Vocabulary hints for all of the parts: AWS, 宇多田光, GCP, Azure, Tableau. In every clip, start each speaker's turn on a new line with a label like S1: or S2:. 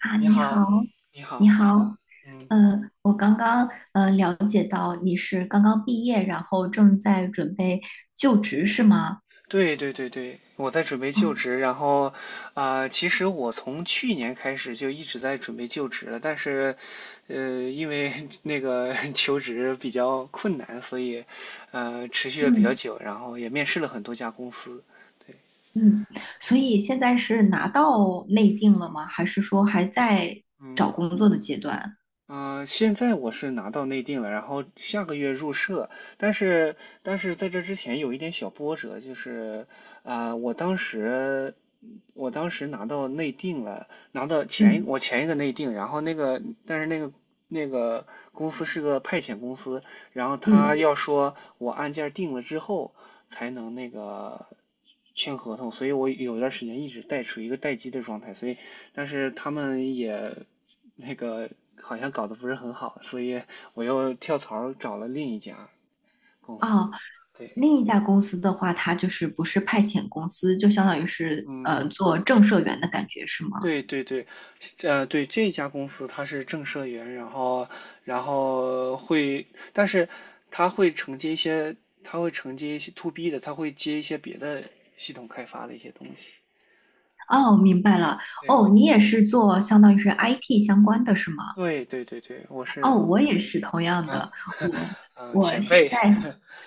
S1: 啊，
S2: 你
S1: 你好，
S2: 好，你好。
S1: 你好，
S2: 嗯，
S1: 嗯，我刚刚了解到你是刚刚毕业，然后正在准备就职是吗？
S2: 对，我在准备
S1: 哦，
S2: 就职，然后其实我从去年开始就一直在准备就职了，但是因为 那个 求职比较困难，所以持续了比较
S1: 嗯
S2: 久，然后也面试了很多家公司。对，
S1: 嗯，所以现在是拿到内定了吗？还是说还在
S2: 嗯。
S1: 找工作的阶段？
S2: 啊，现在我是拿到内定了，然后下个月入社，但是在这之前有一点小波折，就是啊、我当时我当时拿到内定了，拿到前一
S1: 嗯
S2: 我前一个内定，然后那个但是那个那个公司是个派遣公司，然后他
S1: 嗯，
S2: 要说我案件定了之后才能签合同，所以我有段时间一直处于一个待机的状态，所以但是他们也那个好像搞得不是很好，所以我又跳槽找了另一家公司。
S1: 哦，
S2: 对，
S1: 另一家公司的话，它就是不是派遣公司，就相当于是
S2: 嗯，
S1: 做正社员的感觉是吗？
S2: 对，对这家公司它是正社员，然后然后会，但是它会承接一些，它会承接一些 to B 的，它会接一些别的系统开发的一些东西。
S1: 哦，明白了。
S2: 对对
S1: 哦，你也是做相当于是 IT 相关的是吗？
S2: 对对，我
S1: 哦，
S2: 是
S1: 我也是同样的。
S2: 啊，
S1: 我 我
S2: 前
S1: 现
S2: 辈。
S1: 在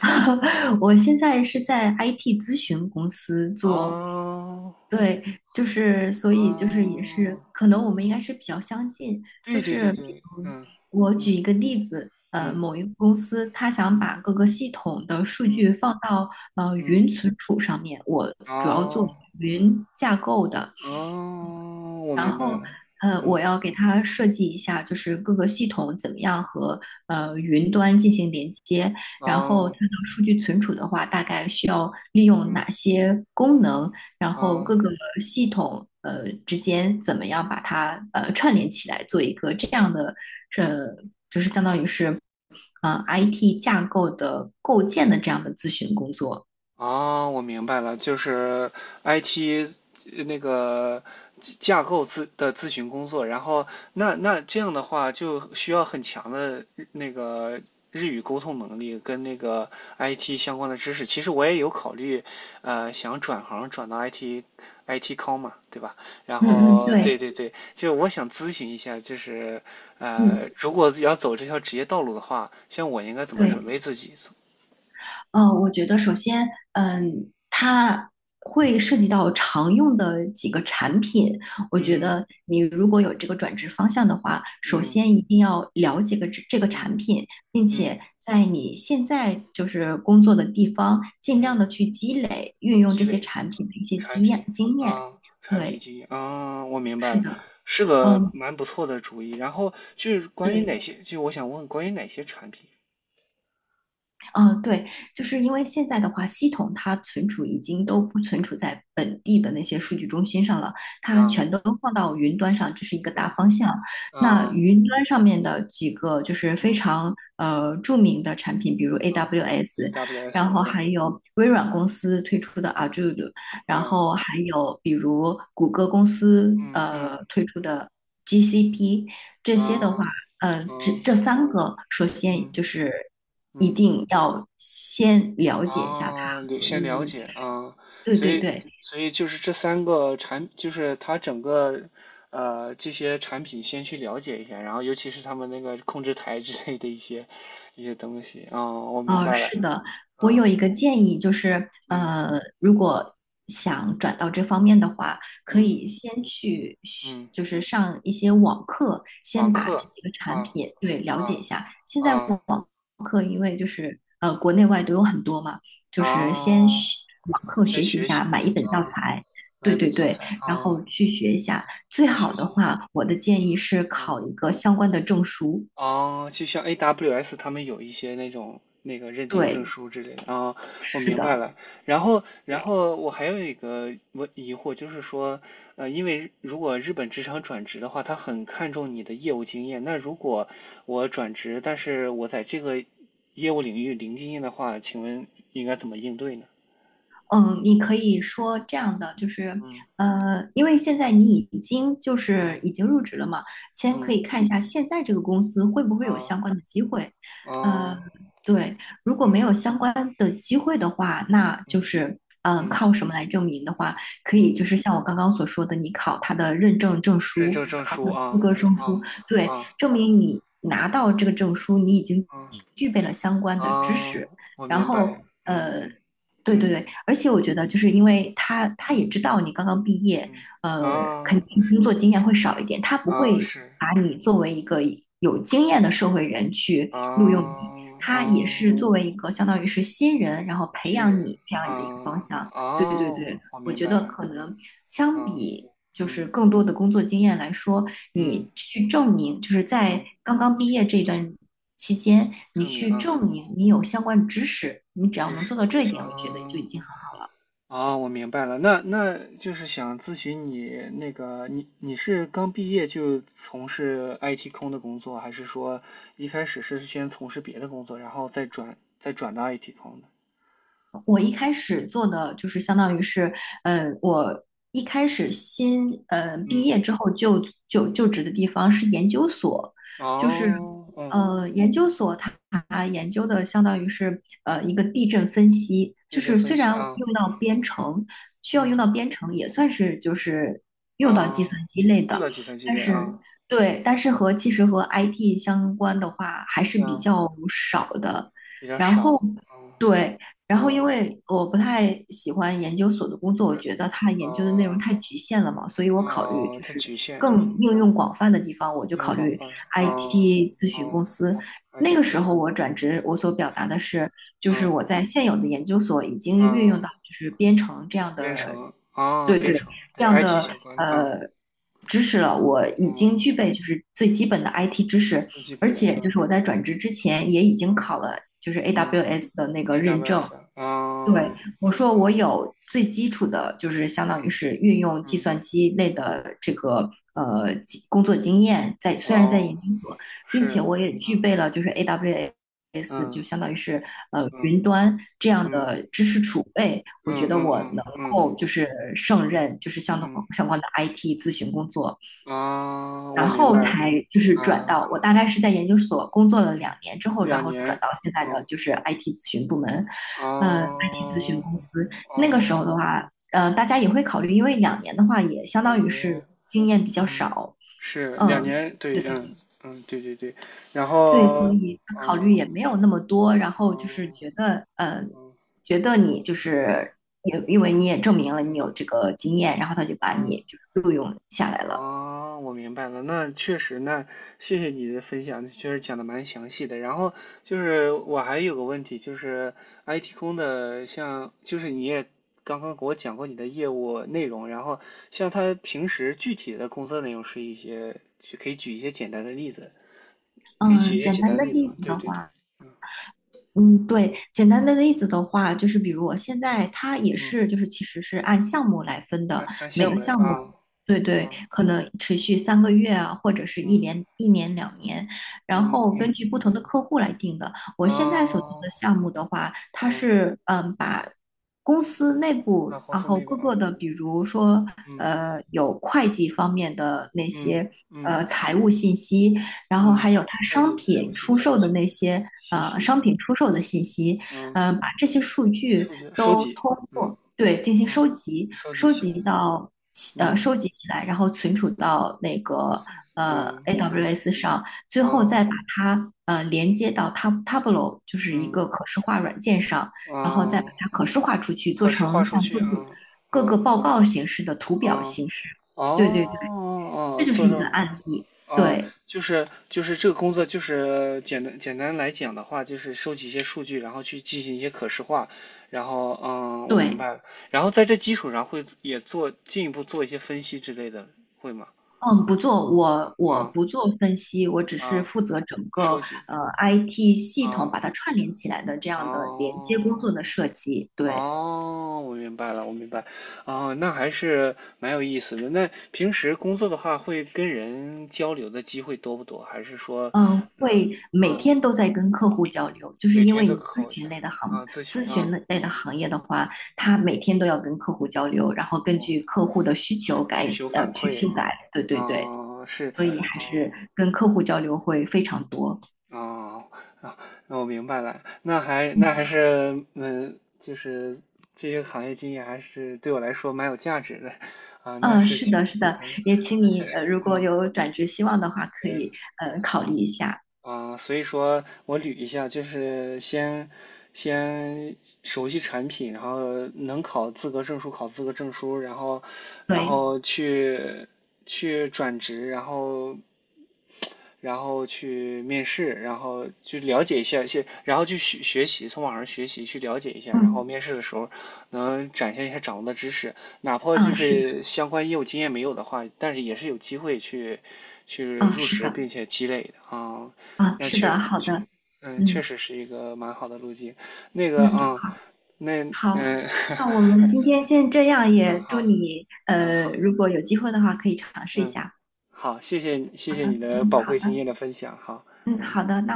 S1: 我现在是在 IT 咨询公司 做，
S2: 哦
S1: 对，就是所
S2: 哦
S1: 以就是也是
S2: 哦。
S1: 可能我们应该是比较相近。就
S2: 对对对
S1: 是比
S2: 对，
S1: 如我举
S2: 嗯
S1: 一个例子，
S2: 嗯
S1: 某一个公司他想
S2: 嗯
S1: 把各个系统的数
S2: 嗯
S1: 据放到云
S2: 嗯，
S1: 存储上面，我主要做
S2: 哦
S1: 云架构的。
S2: 哦，我
S1: 然
S2: 明白
S1: 后
S2: 了。
S1: 我
S2: 嗯。
S1: 要给它设计一下，就是各个系统怎么样和云端进行连接，然后
S2: 哦。
S1: 它的数据存储的话，大概需要利用
S2: 嗯。
S1: 哪些功能，然后
S2: 哦。
S1: 各个系统之间怎么样把它串联起来，做一个这样的呃，就是相当于是IT 架构的构建的这样的咨询工作。
S2: 啊，我明白了，就是 IT 呃那个架构咨询工作，然后那这样的话就需要很强的日语沟通能力跟那个 IT 相关的知识。其实我也有考虑，想转到 IT com 嘛，对吧？然
S1: 嗯嗯，
S2: 后对
S1: 对，
S2: 对对，就我想咨询一下，就是
S1: 嗯
S2: 如果要走这条职业道路的话，像我应该怎么准
S1: 对。
S2: 备自己？
S1: 嗯，我觉得首先，
S2: 嗯。
S1: 它会涉及
S2: 嗯。
S1: 到常用的几个产品。我觉
S2: 嗯
S1: 得你如果有这个转职方向的话，首
S2: 嗯
S1: 先一定要了解个这个
S2: 嗯
S1: 产品，并
S2: 嗯
S1: 且在你现在就是工作的地方，尽
S2: 嗯，
S1: 量的去积累运用
S2: 积
S1: 这些
S2: 累
S1: 产品的一些
S2: 产
S1: 经
S2: 品
S1: 验经验。
S2: 啊，产品
S1: 对，
S2: 经验啊，我明白
S1: 是
S2: 了，
S1: 的，
S2: 是个
S1: 嗯，
S2: 蛮不错的主意。然后就是关于
S1: 对。
S2: 哪些，就我想问关于哪些产品
S1: 嗯，对，就是因为现在的话，系统它存储已经都不存储在本地的那些数据中心上了，它
S2: 啊？
S1: 全都放到云端上，这是一个大
S2: 嗯
S1: 方向。那
S2: 啊
S1: 云端上面的几个就是非
S2: 嗯
S1: 常著名的产品，比如
S2: 啊
S1: AWS，
S2: ，AWS
S1: 然后
S2: 啊，
S1: 还有微软公司推出的 Azure，然
S2: 啊
S1: 后还有比如谷歌公司
S2: 嗯嗯
S1: 推出的 GCP，这
S2: 啊
S1: 些的
S2: 啊
S1: 话。这三个，首先
S2: 嗯
S1: 就是一
S2: 嗯。
S1: 定要先了解一下
S2: 啊，
S1: 它所
S2: 先
S1: 运用
S2: 了
S1: 的知
S2: 解
S1: 识。
S2: 啊，
S1: 对
S2: 所
S1: 对
S2: 以
S1: 对，
S2: 所以就是这三个产，就是它整个这些产品先去了解一下，然后尤其是他们那个控制台之类的一些东西啊，我明白了。
S1: 是的，我有
S2: 啊，
S1: 一个建议，就是
S2: 嗯。
S1: 如果想转到这方面的话，可
S2: 嗯
S1: 以先去学，
S2: 嗯，
S1: 就是上一些网课，
S2: 网
S1: 先把这
S2: 课
S1: 几个产
S2: 啊。
S1: 品对了解一
S2: 啊
S1: 下。现在
S2: 啊
S1: 网课因为就是国内外都有很多嘛，就是先
S2: 啊，
S1: 学网课
S2: 先
S1: 学习一
S2: 学
S1: 下，
S2: 习
S1: 买一本教
S2: 啊，
S1: 材，
S2: 买
S1: 对
S2: 一
S1: 对
S2: 本教
S1: 对，
S2: 材
S1: 然后
S2: 啊。
S1: 去学一下。最
S2: 去
S1: 好
S2: 学
S1: 的
S2: 习，
S1: 话，我的建议是考一
S2: 啊。
S1: 个相关的证书。
S2: 哦，就像 AWS 他们有一些那种那个认定证
S1: 对，
S2: 书之类的啊，我
S1: 是
S2: 明白
S1: 的。
S2: 了。然后我还有一个疑惑，就是说，因为如果日本职场转职的话，他很看重你的业务经验。那如果我转职，但是我在这个业务领域零经验的话，请问应该怎么应对呢？
S1: 嗯，你可以说这样的，就是，
S2: 嗯
S1: 因为现在你已经就是
S2: 嗯
S1: 已经入职了嘛，先可
S2: 嗯
S1: 以看一下现在这个公司会不会有
S2: 啊
S1: 相关的机会，呃，
S2: 啊
S1: 对，如果没有
S2: 嗯
S1: 相关的机会的话，
S2: 嗯
S1: 那就
S2: 嗯
S1: 是，
S2: 嗯
S1: 靠什么来证明的话，可以
S2: 嗯，
S1: 就是像我刚刚所说的，你考他的认证证
S2: 认
S1: 书，
S2: 证证
S1: 考
S2: 书
S1: 他的资
S2: 啊。
S1: 格证书，
S2: 啊
S1: 对，
S2: 啊
S1: 证明你拿到这个证书，你已经
S2: 啊。嗯
S1: 具备了相关的知
S2: 啊，
S1: 识，
S2: 我
S1: 然
S2: 明白，
S1: 后。对对
S2: 嗯
S1: 对，而且我觉得，就是因
S2: 嗯
S1: 为他也
S2: 嗯
S1: 知道你刚刚毕业，
S2: 嗯，
S1: 呃，肯
S2: 啊
S1: 定工作经验会少一点，他不会
S2: 是
S1: 把你作为一个有经验的社会人去
S2: 啊，
S1: 录用你，他也是
S2: 啊，
S1: 作为一个相当于是新人，然后培
S2: 西
S1: 养
S2: 人
S1: 你这样的一个方
S2: 啊，
S1: 向。对
S2: 啊，
S1: 对对，
S2: 我
S1: 我
S2: 明
S1: 觉
S2: 白
S1: 得
S2: 了，
S1: 可能相
S2: 啊
S1: 比就是
S2: 嗯
S1: 更多的工作经验来说，
S2: 嗯
S1: 你去证明，就是
S2: 嗯，
S1: 在刚刚毕业这一段期间，你
S2: 证明
S1: 去
S2: 啊，
S1: 证明你有相关知识，你只要
S2: 知
S1: 能做
S2: 识
S1: 到这一点，我觉得就已
S2: 啊。
S1: 经很。
S2: 哦，我明白了，那就是想咨询你那个，你是刚毕业就从事 IT 空的工作，还是说一开始是先从事别的工作，然后再转到 IT 空的？
S1: 我一开始做的就是相当于是，我一开始新毕
S2: 嗯。
S1: 业之后就就职的地方是研究所，就是
S2: 哦。嗯。
S1: 研究所它研究的相当于是一个地震分析，
S2: 地
S1: 就
S2: 质
S1: 是
S2: 分
S1: 虽
S2: 析
S1: 然
S2: 啊。
S1: 用到编程，需要用
S2: 嗯。
S1: 到编程，也算是就是用到计
S2: 啊，
S1: 算机类
S2: 用
S1: 的，
S2: 到计算机
S1: 但
S2: 类
S1: 是
S2: 啊。
S1: 对，但是和其实和 IT 相关的话还是比
S2: 嗯，
S1: 较少的。
S2: 比较
S1: 然后，
S2: 少。嗯。
S1: 对，然后，因
S2: 嗯。
S1: 为我不太喜欢研究所的工作，我
S2: 对。
S1: 觉得它研究的内容
S2: 哦。
S1: 太局限了嘛，所以我考虑
S2: 哦，
S1: 就
S2: 它
S1: 是
S2: 局限，嗯，
S1: 更应用广泛的地方，我就
S2: 应用
S1: 考
S2: 广
S1: 虑
S2: 泛。嗯。
S1: IT 咨询公
S2: 哦
S1: 司。那
S2: ，IT
S1: 个
S2: 咨
S1: 时
S2: 询
S1: 候
S2: 广
S1: 我
S2: 泛，
S1: 转职，我所表达
S2: 是。
S1: 的是，就是
S2: 嗯。
S1: 我在现有的研究所已经运用到
S2: 啊，
S1: 就是编程这样
S2: 编
S1: 的，
S2: 程啊，
S1: 对
S2: 编
S1: 对，
S2: 程，对
S1: 这样
S2: ，IT
S1: 的
S2: 相关的啊。
S1: 呃知识了，我已经
S2: 嗯，
S1: 具备就是最基本的 IT 知识，
S2: 最基
S1: 而
S2: 本的
S1: 且就是
S2: 啊。
S1: 我在转职之前也已经
S2: 嗯
S1: 考了就是
S2: 嗯
S1: AWS 的那个认证。
S2: ，AWS 啊。
S1: 对，我说我
S2: 啊
S1: 有最基础的，就是相当于是运用计
S2: 嗯，
S1: 算机类的这个工作经验在，虽然在研
S2: 哦，
S1: 究所，并且
S2: 是。
S1: 我也具
S2: 嗯
S1: 备了就是 AWS
S2: 嗯
S1: 就相当于是
S2: 嗯
S1: 云端这样
S2: 嗯
S1: 的知识储备，我觉
S2: 嗯
S1: 得
S2: 嗯
S1: 我
S2: 嗯
S1: 能
S2: 嗯
S1: 够就是胜
S2: 嗯
S1: 任就是相同
S2: 嗯
S1: 相关的 IT 咨询工作。
S2: 啊，
S1: 然
S2: 我明
S1: 后
S2: 白了
S1: 才就是转
S2: 啊。
S1: 到我大概是在研究所工作了两
S2: 嗯，
S1: 年之后，然
S2: 两
S1: 后转
S2: 年。
S1: 到现在
S2: 嗯
S1: 的就是 IT 咨询部门，
S2: 啊
S1: IT 咨询公司。那个时候
S2: 哦，
S1: 的话，大家也会考虑，因为两年的话也相
S2: 两
S1: 当于
S2: 年。
S1: 是经验比较
S2: 嗯，
S1: 少，
S2: 是两
S1: 嗯，
S2: 年，对。嗯。嗯，对，然
S1: 对，所
S2: 后，
S1: 以他考虑
S2: 嗯
S1: 也没有那么多，然后就是
S2: 嗯
S1: 觉得，呃，
S2: 嗯
S1: 觉得你就
S2: 嗯
S1: 是也因为你也证明了你
S2: 嗯
S1: 有这个经验，然后他就把
S2: 啊，
S1: 你就是录用下来了。
S2: 啊，我明白了，那确实，那谢谢你的分享，确实讲的蛮详细的。然后就是我还有个问题，就是 IT 空的像，就是你也刚刚给我讲过你的业务内容，然后像他平时具体的工作内容是一些，可以举一些简单的例子，可以举
S1: 嗯，
S2: 一些
S1: 简
S2: 简
S1: 单
S2: 单
S1: 的
S2: 的例子
S1: 例
S2: 吗？
S1: 子
S2: 对
S1: 的
S2: 对对。
S1: 话。嗯，对，简单的例子的话，就是比如我现在它也
S2: 嗯。
S1: 是，就是其实是按项目来分的，
S2: 按按
S1: 每
S2: 项
S1: 个
S2: 目来
S1: 项
S2: 发
S1: 目，
S2: 啊。
S1: 对对，
S2: 啊。
S1: 可能持续3个月啊，或者是一年、
S2: 嗯
S1: 一年、两年，然
S2: 嗯
S1: 后根
S2: 嗯，
S1: 据不同的客户来定的。我现在所做
S2: 啊。
S1: 的项目的话，它
S2: 嗯。
S1: 是把公司内
S2: 啊，
S1: 部，
S2: 公
S1: 然
S2: 司
S1: 后
S2: 那个
S1: 各
S2: 啊。
S1: 个的，比如说
S2: 嗯
S1: 有会计方面的那
S2: 嗯
S1: 些
S2: 嗯
S1: 财务信息。然后
S2: 嗯，
S1: 还有它
S2: 会计财务信息，信息。
S1: 商品出售的信息，
S2: 嗯，
S1: 把这些数据
S2: 数据收
S1: 都
S2: 集。
S1: 通
S2: 嗯
S1: 过对进行收
S2: 嗯，
S1: 集，
S2: 收集
S1: 收
S2: 起
S1: 集
S2: 来。
S1: 到呃
S2: 嗯。
S1: 收集起来，然后存储到
S2: 嗯，分数
S1: AWS 上，最后再
S2: 啊。
S1: 把它连接到 Tableau，就是一
S2: 嗯
S1: 个可视化软件上，然后再把
S2: 啊，
S1: 它可视化出去，做
S2: 可视
S1: 成
S2: 化数
S1: 像
S2: 据
S1: 各个
S2: 啊。
S1: 各个
S2: 嗯
S1: 报告形式的图表
S2: 啊，哦
S1: 形式。对
S2: 哦
S1: 对对，这
S2: 哦，啊
S1: 就是
S2: 做
S1: 一个
S2: 成。
S1: 案例。
S2: 嗯，
S1: 对
S2: 就是这个工作，简单来讲的话，就是收集一些数据，然后去进行一些可视化，然后嗯，我明
S1: 对。
S2: 白了。然后在这基础上会也做进一步做一些分析之类的，会吗？
S1: 嗯，不做，我
S2: 啊
S1: 不做分析，我只是
S2: 啊，
S1: 负责整个
S2: 收集
S1: IT 系统把它
S2: 啊。
S1: 串联起来的这
S2: 啊
S1: 样的连接工作的设计。对，
S2: 哦，我明白了，我明白。哦，那还是蛮有意思的。那平时工作的话，会跟人交流的机会多不多？还是说，
S1: 嗯，
S2: 呃，
S1: 会每
S2: 嗯
S1: 天都在跟客户交流，就是
S2: 每
S1: 因
S2: 天
S1: 为
S2: 都
S1: 你
S2: 考一下啊，咨
S1: 咨
S2: 询
S1: 询
S2: 啊。
S1: 类的行业的话，它每天都要跟客户交流，然后根
S2: 哦，
S1: 据客户的需求改
S2: 需求
S1: 呃
S2: 反
S1: 去
S2: 馈。
S1: 修改。对对对，
S2: 啊是。
S1: 所以还是
S2: 哦、
S1: 跟客户交流会非常多。
S2: 哦、啊，那我明白了，那
S1: 嗯
S2: 还是嗯，就是这些行业经验还是对我来说蛮有价值的。啊，那
S1: 嗯，
S2: 是
S1: 是
S2: 确。
S1: 的，是的，
S2: 嗯，
S1: 也请
S2: 那确
S1: 你
S2: 实。
S1: 如果
S2: 嗯。
S1: 有转职希望的话，可
S2: 对。
S1: 以考虑一下。
S2: 啊，所以说我捋一下，就是先熟悉产品，然后能考资格证书，然后
S1: 对，
S2: 去转职，然后去面试，然后去了解一下，先然后去学习，从网上学习去了解一下，然后
S1: 嗯，
S2: 面试的时候能展现一下掌握的知识，哪怕就
S1: 嗯，是的，
S2: 是相关业务经验没有的话，但是也是有机会去
S1: 嗯，
S2: 入
S1: 是
S2: 职
S1: 的，
S2: 并且积累的啊。
S1: 嗯，
S2: 那
S1: 是
S2: 确
S1: 的，好的，
S2: 嗯，确
S1: 嗯
S2: 实是一个蛮好的路径。那个，
S1: 嗯，
S2: 嗯，那，
S1: 好，好，
S2: 嗯。
S1: 那我们今天先这样，
S2: 嗯，
S1: 也祝
S2: 好。
S1: 你
S2: 嗯，好，
S1: 如果有机会的话，可以尝试一
S2: 嗯，
S1: 下。
S2: 好，谢谢你，谢
S1: 好的，
S2: 谢你的
S1: 嗯，
S2: 宝
S1: 好
S2: 贵经
S1: 的，
S2: 验的分享，好。
S1: 嗯，
S2: 嗯。
S1: 好的，那。